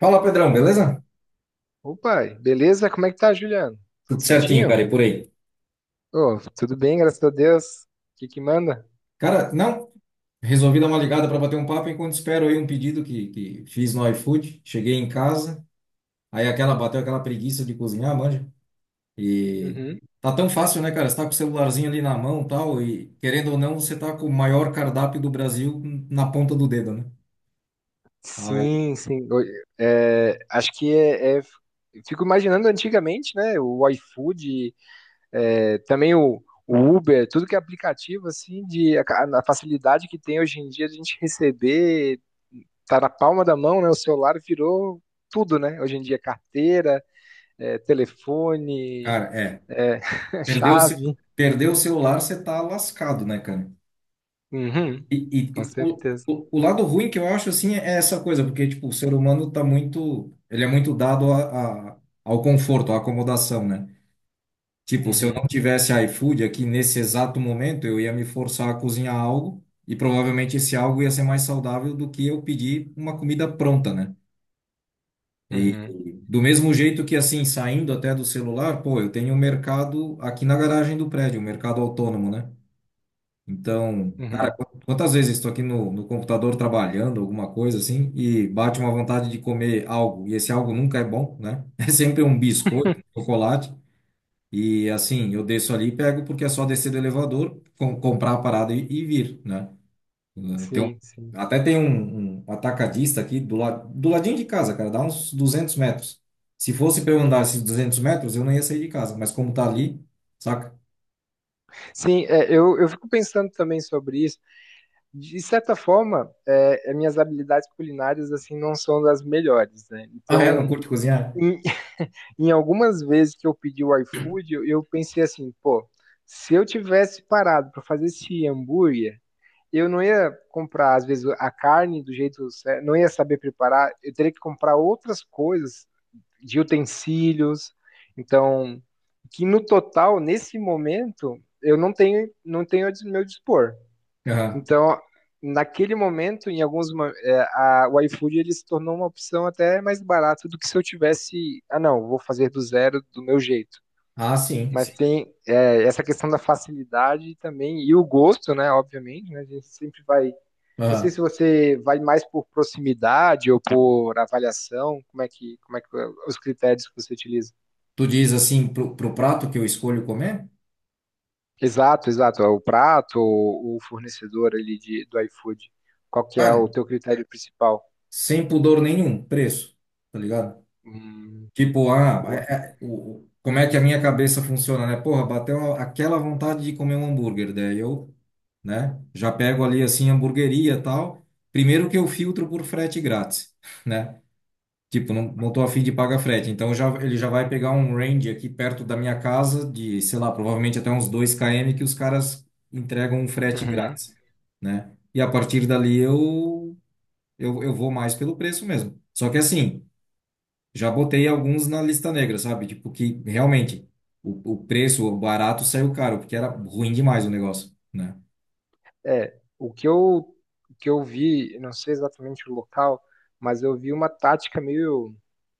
Fala, Pedrão, Ô beleza? pai, beleza? Como é que tá, Juliano? Tudo Tudo certinho, certinho? cara, e por aí? Ô, tudo bem, graças a Deus. O que que manda? Cara, não, resolvi dar uma ligada para bater um papo enquanto espero aí um pedido que fiz no iFood. Cheguei em casa, aí aquela bateu aquela preguiça de cozinhar, manja. E Uhum. tá tão fácil, né, cara? Você tá com o celularzinho ali na mão, tal, e querendo ou não, você tá com o maior cardápio do Brasil na ponta do dedo, né? Aí, Sim, sim. Oi, acho que é. Fico imaginando antigamente, né? O iFood, é, também o Uber, tudo que é aplicativo, assim, a facilidade que tem hoje em dia de a gente receber, tá na palma da mão, né? O celular virou tudo, né? Hoje em dia, carteira, telefone, cara, é, é, perdeu o, ce- chave. perdeu o celular, você tá lascado, né, cara? Uhum, E, e- com e o, certeza. o, o lado ruim que eu acho, assim, é essa coisa, porque, tipo, o ser humano tá muito, ele é muito dado ao conforto, à acomodação, né? Tipo, se eu não Uhum, tivesse iFood aqui nesse exato momento, eu ia me forçar a cozinhar algo e provavelmente esse algo ia ser mais saudável do que eu pedir uma comida pronta, né? E uhum, e do mesmo jeito que, assim, saindo até do celular, pô, eu tenho um mercado aqui na garagem do prédio, um mercado autônomo, né? Então, cara, uhum. Quantas vezes eu estou aqui no computador trabalhando, alguma coisa assim, e bate uma vontade de comer algo, e esse algo nunca é bom, né? É sempre um biscoito, chocolate, e assim, eu desço ali e pego, porque é só descer do elevador, comprar a parada e vir, né? Eh, Tem um- Sim, sim. Até tem um atacadista aqui do, la, do ladinho de casa, cara, dá uns 200 metros. Se fosse para eu andar esses 200 metros, eu não ia sair de casa, mas como tá ali, saca? Sim, eu fico pensando também sobre isso. De certa forma, as minhas habilidades culinárias assim não são das melhores, né? Ah, é? Não Então, curte cozinhar? em, em algumas vezes que eu pedi o iFood, eu pensei assim, pô, se eu tivesse parado para fazer esse hambúrguer, eu não ia comprar, às vezes, a carne do jeito certo, não ia saber preparar, eu teria que comprar outras coisas de utensílios. Então, que no total, nesse momento, eu não tenho meu dispor. Aham. Então, naquele momento, em alguns mo- é, a, o iFood ele se tornou uma opção até mais barata do que se eu tivesse, ah não, vou fazer do zero do meu jeito. Ah, sim, Mas sim. tem essa questão da facilidade também e o gosto, né? Obviamente, né, a gente sempre vai. Não sei se você vai mais por proximidade ou por avaliação. Como é que os critérios que você utiliza? Tu diz assim pro prato que eu escolho comer? Exato, exato. O prato, o fornecedor ali do iFood. Qual que é Cara, o teu critério principal? sem pudor nenhum, preço, tá ligado? Hum, Tipo, boa. Como é que a minha cabeça funciona, né? Porra, aquela vontade de comer um hambúrguer, daí eu, né, já pego ali assim, hamburgueria e tal. Primeiro que eu filtro por frete grátis, né? Tipo, não, não tô a fim de pagar frete. Então já, ele já vai pegar um range aqui perto da minha casa, de, sei lá, provavelmente até uns 2 km, que os caras entregam um frete Uhum. grátis, né? E a partir dali eu vou mais pelo preço mesmo. Só que assim, já botei alguns na lista negra, sabe? Tipo, que realmente o preço, o barato saiu caro, porque era ruim demais o negócio, né? É, o que eu vi, não sei exatamente o local, mas eu vi uma tática meio,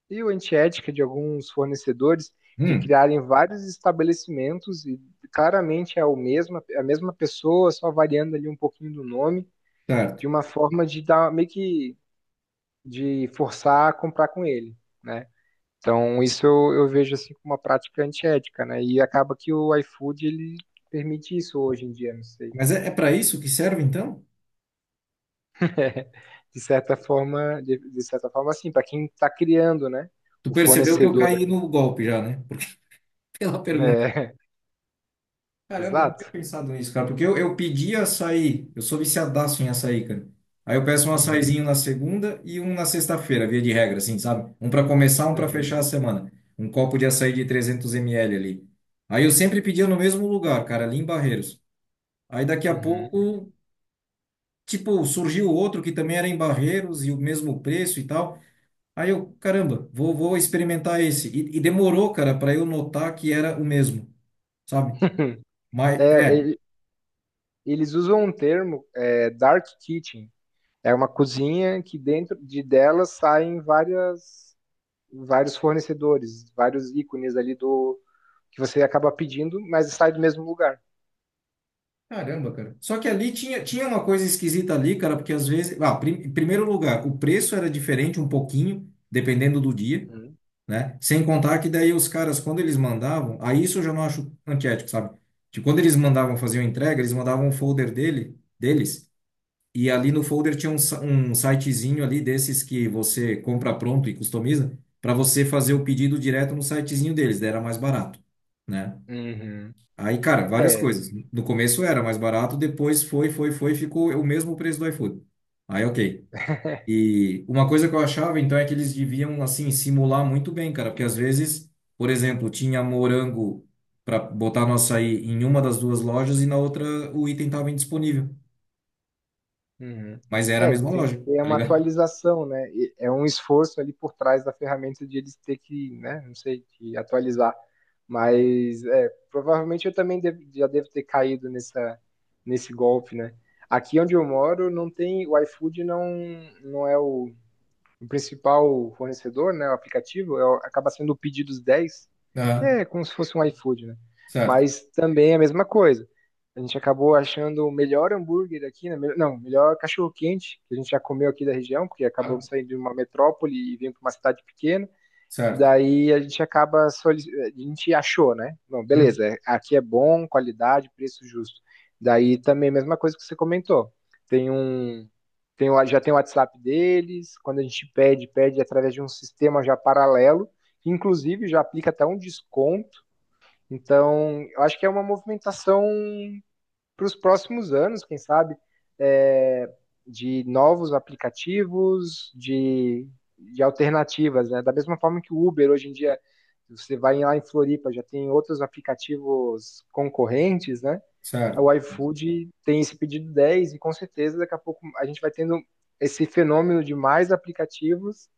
meio antiética de alguns fornecedores de Hum, criarem vários estabelecimentos e claramente é o mesmo, a mesma pessoa, só variando ali um pouquinho do nome, certo. de uma forma de dar meio que de forçar a comprar com ele, né? Então, isso eu vejo assim como uma prática antiética, né? E acaba que o iFood ele permite isso hoje em dia, não sei. Mas é, é para isso que serve então? De certa forma, de certa forma, assim, para quem está criando, né? Tu O percebeu que eu fornecedor, caí no golpe já, né? Pela pergunta. né? Caramba, eu não tinha Exato. pensado nisso, cara, porque eu pedi açaí, eu sou viciadaço em açaí, cara. Aí eu peço um Uhum, açaizinho na segunda e um na sexta-feira, via de regra, assim, sabe? Um para começar, um para uhum, fechar a semana. Um copo de açaí de 300 ml ali. Aí eu sempre pedia no mesmo lugar, cara, ali em Barreiros. Aí daqui a uhum. pouco, tipo, surgiu outro que também era em Barreiros e o mesmo preço e tal. Aí eu, caramba, vou experimentar esse. E demorou, cara, para eu notar que era o mesmo, sabe? Mas É, é, eles usam um termo, dark kitchen. É uma cozinha que dentro de dela saem várias, vários fornecedores, vários ícones ali do que você acaba pedindo, mas sai do mesmo lugar. caramba, cara. Só que ali tinha uma coisa esquisita ali, cara, porque às vezes. Em primeiro lugar, o preço era diferente um pouquinho, dependendo do dia, Uhum. né? Sem contar que daí os caras, quando eles mandavam, aí isso eu já não acho antiético, sabe? Tipo, quando eles mandavam fazer uma entrega, eles mandavam um folder dele, deles, e ali no folder tinha um, um sitezinho ali desses que você compra pronto e customiza, para você fazer o pedido direto no sitezinho deles, daí era mais barato, né? Uhum. Aí, cara, várias É, coisas. No começo era mais barato, depois ficou o mesmo preço do iFood. Aí, ok. E uma coisa que eu achava, então, é que eles deviam, assim, simular muito bem, cara, porque às vezes, por exemplo, tinha morango para botar no açaí em uma das duas lojas e na outra o item estava indisponível. uhum. Mas era a É, mesma tem que loja, ter tá uma ligado? atualização, né? E é um esforço ali por trás da ferramenta de eles ter que, né? Não sei, que atualizar. Mas é, provavelmente eu também já devo ter caído nessa, nesse golpe, né? Aqui onde eu moro não tem, o iFood não é o principal fornecedor, né, o aplicativo, é, acaba sendo o Pedidos 10, que Ah, é como se fosse um iFood, né? certo. Mas também é a mesma coisa. A gente acabou achando o melhor hambúrguer aqui, né? Não, o melhor cachorro-quente que a gente já comeu aqui da região, porque Ah, acabamos saindo de uma metrópole e vindo para uma cidade pequena. certo. Daí a gente acaba, a gente achou, né? Bom Hum, beleza, aqui é bom, qualidade, preço justo. Daí também, mesma coisa que você comentou. Tem um, tem, o- já tem o WhatsApp deles, quando a gente pede através de um sistema já paralelo, que inclusive já aplica até um desconto. Então, eu acho que é uma movimentação para os próximos anos, quem sabe, é, de novos aplicativos, de alternativas, né? Da mesma forma que o Uber hoje em dia, você vai lá em Floripa, já tem outros aplicativos concorrentes, né? certo. O iFood tem esse pedido 10 e com certeza daqui a pouco a gente vai tendo esse fenômeno de mais aplicativos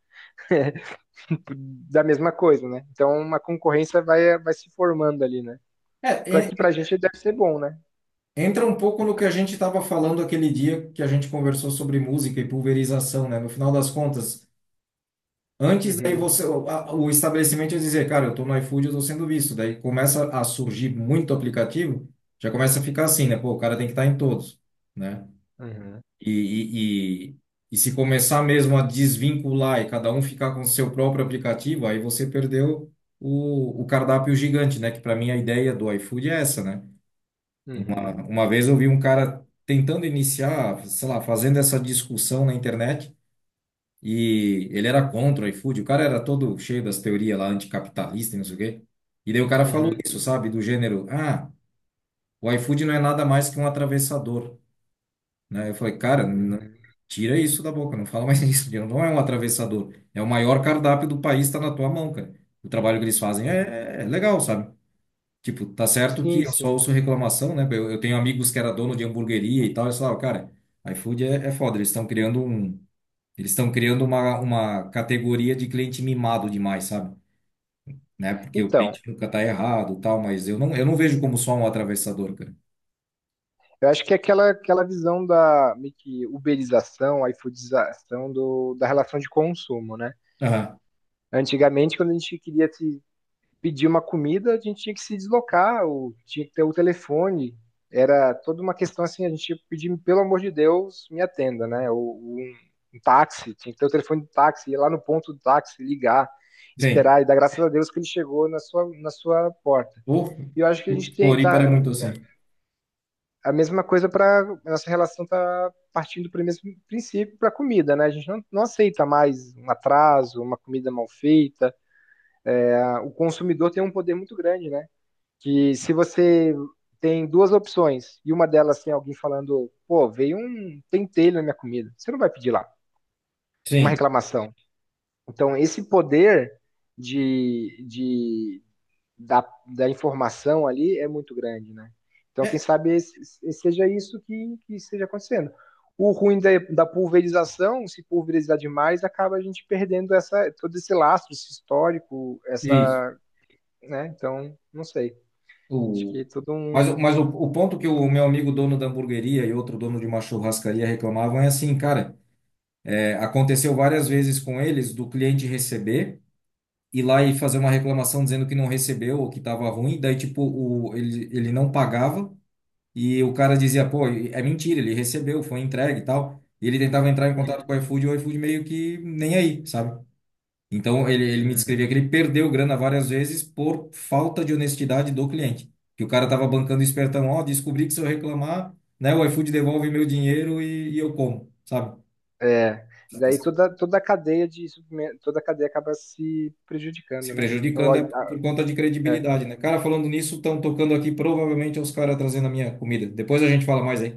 da mesma coisa, né? Então uma concorrência vai se formando ali, né? Para É, que para a gente deve ser bom, né? entra um pouco no que a gente estava falando aquele dia que a gente conversou sobre música e pulverização, né? No final das contas, antes daí Uhum, você, o estabelecimento ia dizer, cara, eu estou no iFood, eu estou sendo visto. Daí começa a surgir muito aplicativo, já começa a ficar assim, né? Pô, o cara tem que estar em todos, né? uhum, E, e, e, e se começar mesmo a desvincular e cada um ficar com o seu próprio aplicativo, aí você perdeu o cardápio gigante, né? Que para mim a ideia do iFood é essa, né? uhum. Mano, uma vez eu vi um cara tentando iniciar, sei lá, fazendo essa discussão na internet e ele era contra o iFood. O cara era todo cheio das teorias lá anticapitalista e não sei o quê. E daí o cara falou Uhum, isso, sabe? Do gênero, ah, o iFood não é nada mais que um atravessador, né? Eu falei, cara, uhum, tira isso da boca, não fala mais isso. Não é um atravessador, é o maior cardápio do país, está na tua mão, cara. O trabalho que eles fazem uhum. é legal, sabe? Tipo, tá certo que Sim, eu só sim. ouço reclamação, né? Eu tenho amigos que era dono de hamburgueria e tal, eles falavam, cara, iFood é, é foda, eles estão criando um, eles estão criando uma categoria de cliente mimado demais, sabe? Né? Porque o Então, cliente nunca tá errado, e tal, mas eu não vejo como só um atravessador, cara. eu acho que é aquela visão da meio que uberização, iFoodização do, da relação de consumo, né? Aham, Antigamente, quando a gente queria se pedir uma comida, a gente tinha que se deslocar, ou tinha que ter o telefone. Era toda uma questão assim, a gente tinha que pedir, pelo amor de Deus, me atenda, né? Ou um táxi, tinha que ter o telefone do táxi, ir lá no ponto do táxi, ligar, sim. esperar, e dar graças a Deus que ele chegou na sua porta. O, E eu acho que a o gente tem Floripa tá era muito assim. a mesma coisa para nossa relação tá partindo para o mesmo princípio para a comida, né? A gente não aceita mais um atraso, uma comida mal feita. Ah, o consumidor tem um poder muito grande, né? Que se você tem duas opções e uma delas tem alguém falando, pô, veio um pentelho na minha comida, você não vai pedir lá uma Sim. reclamação. Então esse poder de, de da, da informação ali é muito grande, né? Então, quem É, sabe seja isso que esteja acontecendo. O ruim da pulverização, se pulverizar demais, acaba a gente perdendo essa, todo esse lastro, esse histórico, isso. essa, né? Então, não sei. Acho que O, é todo um. Mas o ponto que o meu amigo dono da hamburgueria e outro dono de uma churrascaria reclamavam é assim, cara, é, aconteceu várias vezes com eles do cliente receber ir lá e fazer uma reclamação dizendo que não recebeu ou que estava ruim, daí tipo o, ele não pagava e o cara dizia, pô, é mentira, ele recebeu, foi entregue e tal. E ele tentava entrar em contato com Uhum. o iFood e o iFood meio que nem aí, sabe? Então ele me Hum. descrevia que ele perdeu grana várias vezes por falta de honestidade do cliente. Que o cara tava bancando espertão, ó, descobri que se eu reclamar, né, o iFood devolve meu dinheiro e eu como, sabe? É, daí toda a cadeia acaba se Se prejudicando, né? Então, prejudicando é ah, por conta de é. credibilidade, né? Cara, falando nisso, estão tocando aqui, provavelmente é os caras trazendo a minha comida. Depois a gente fala mais aí.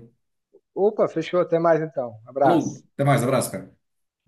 Opa, fechou, até mais então. Falou, Abraço. até mais, abraço, cara.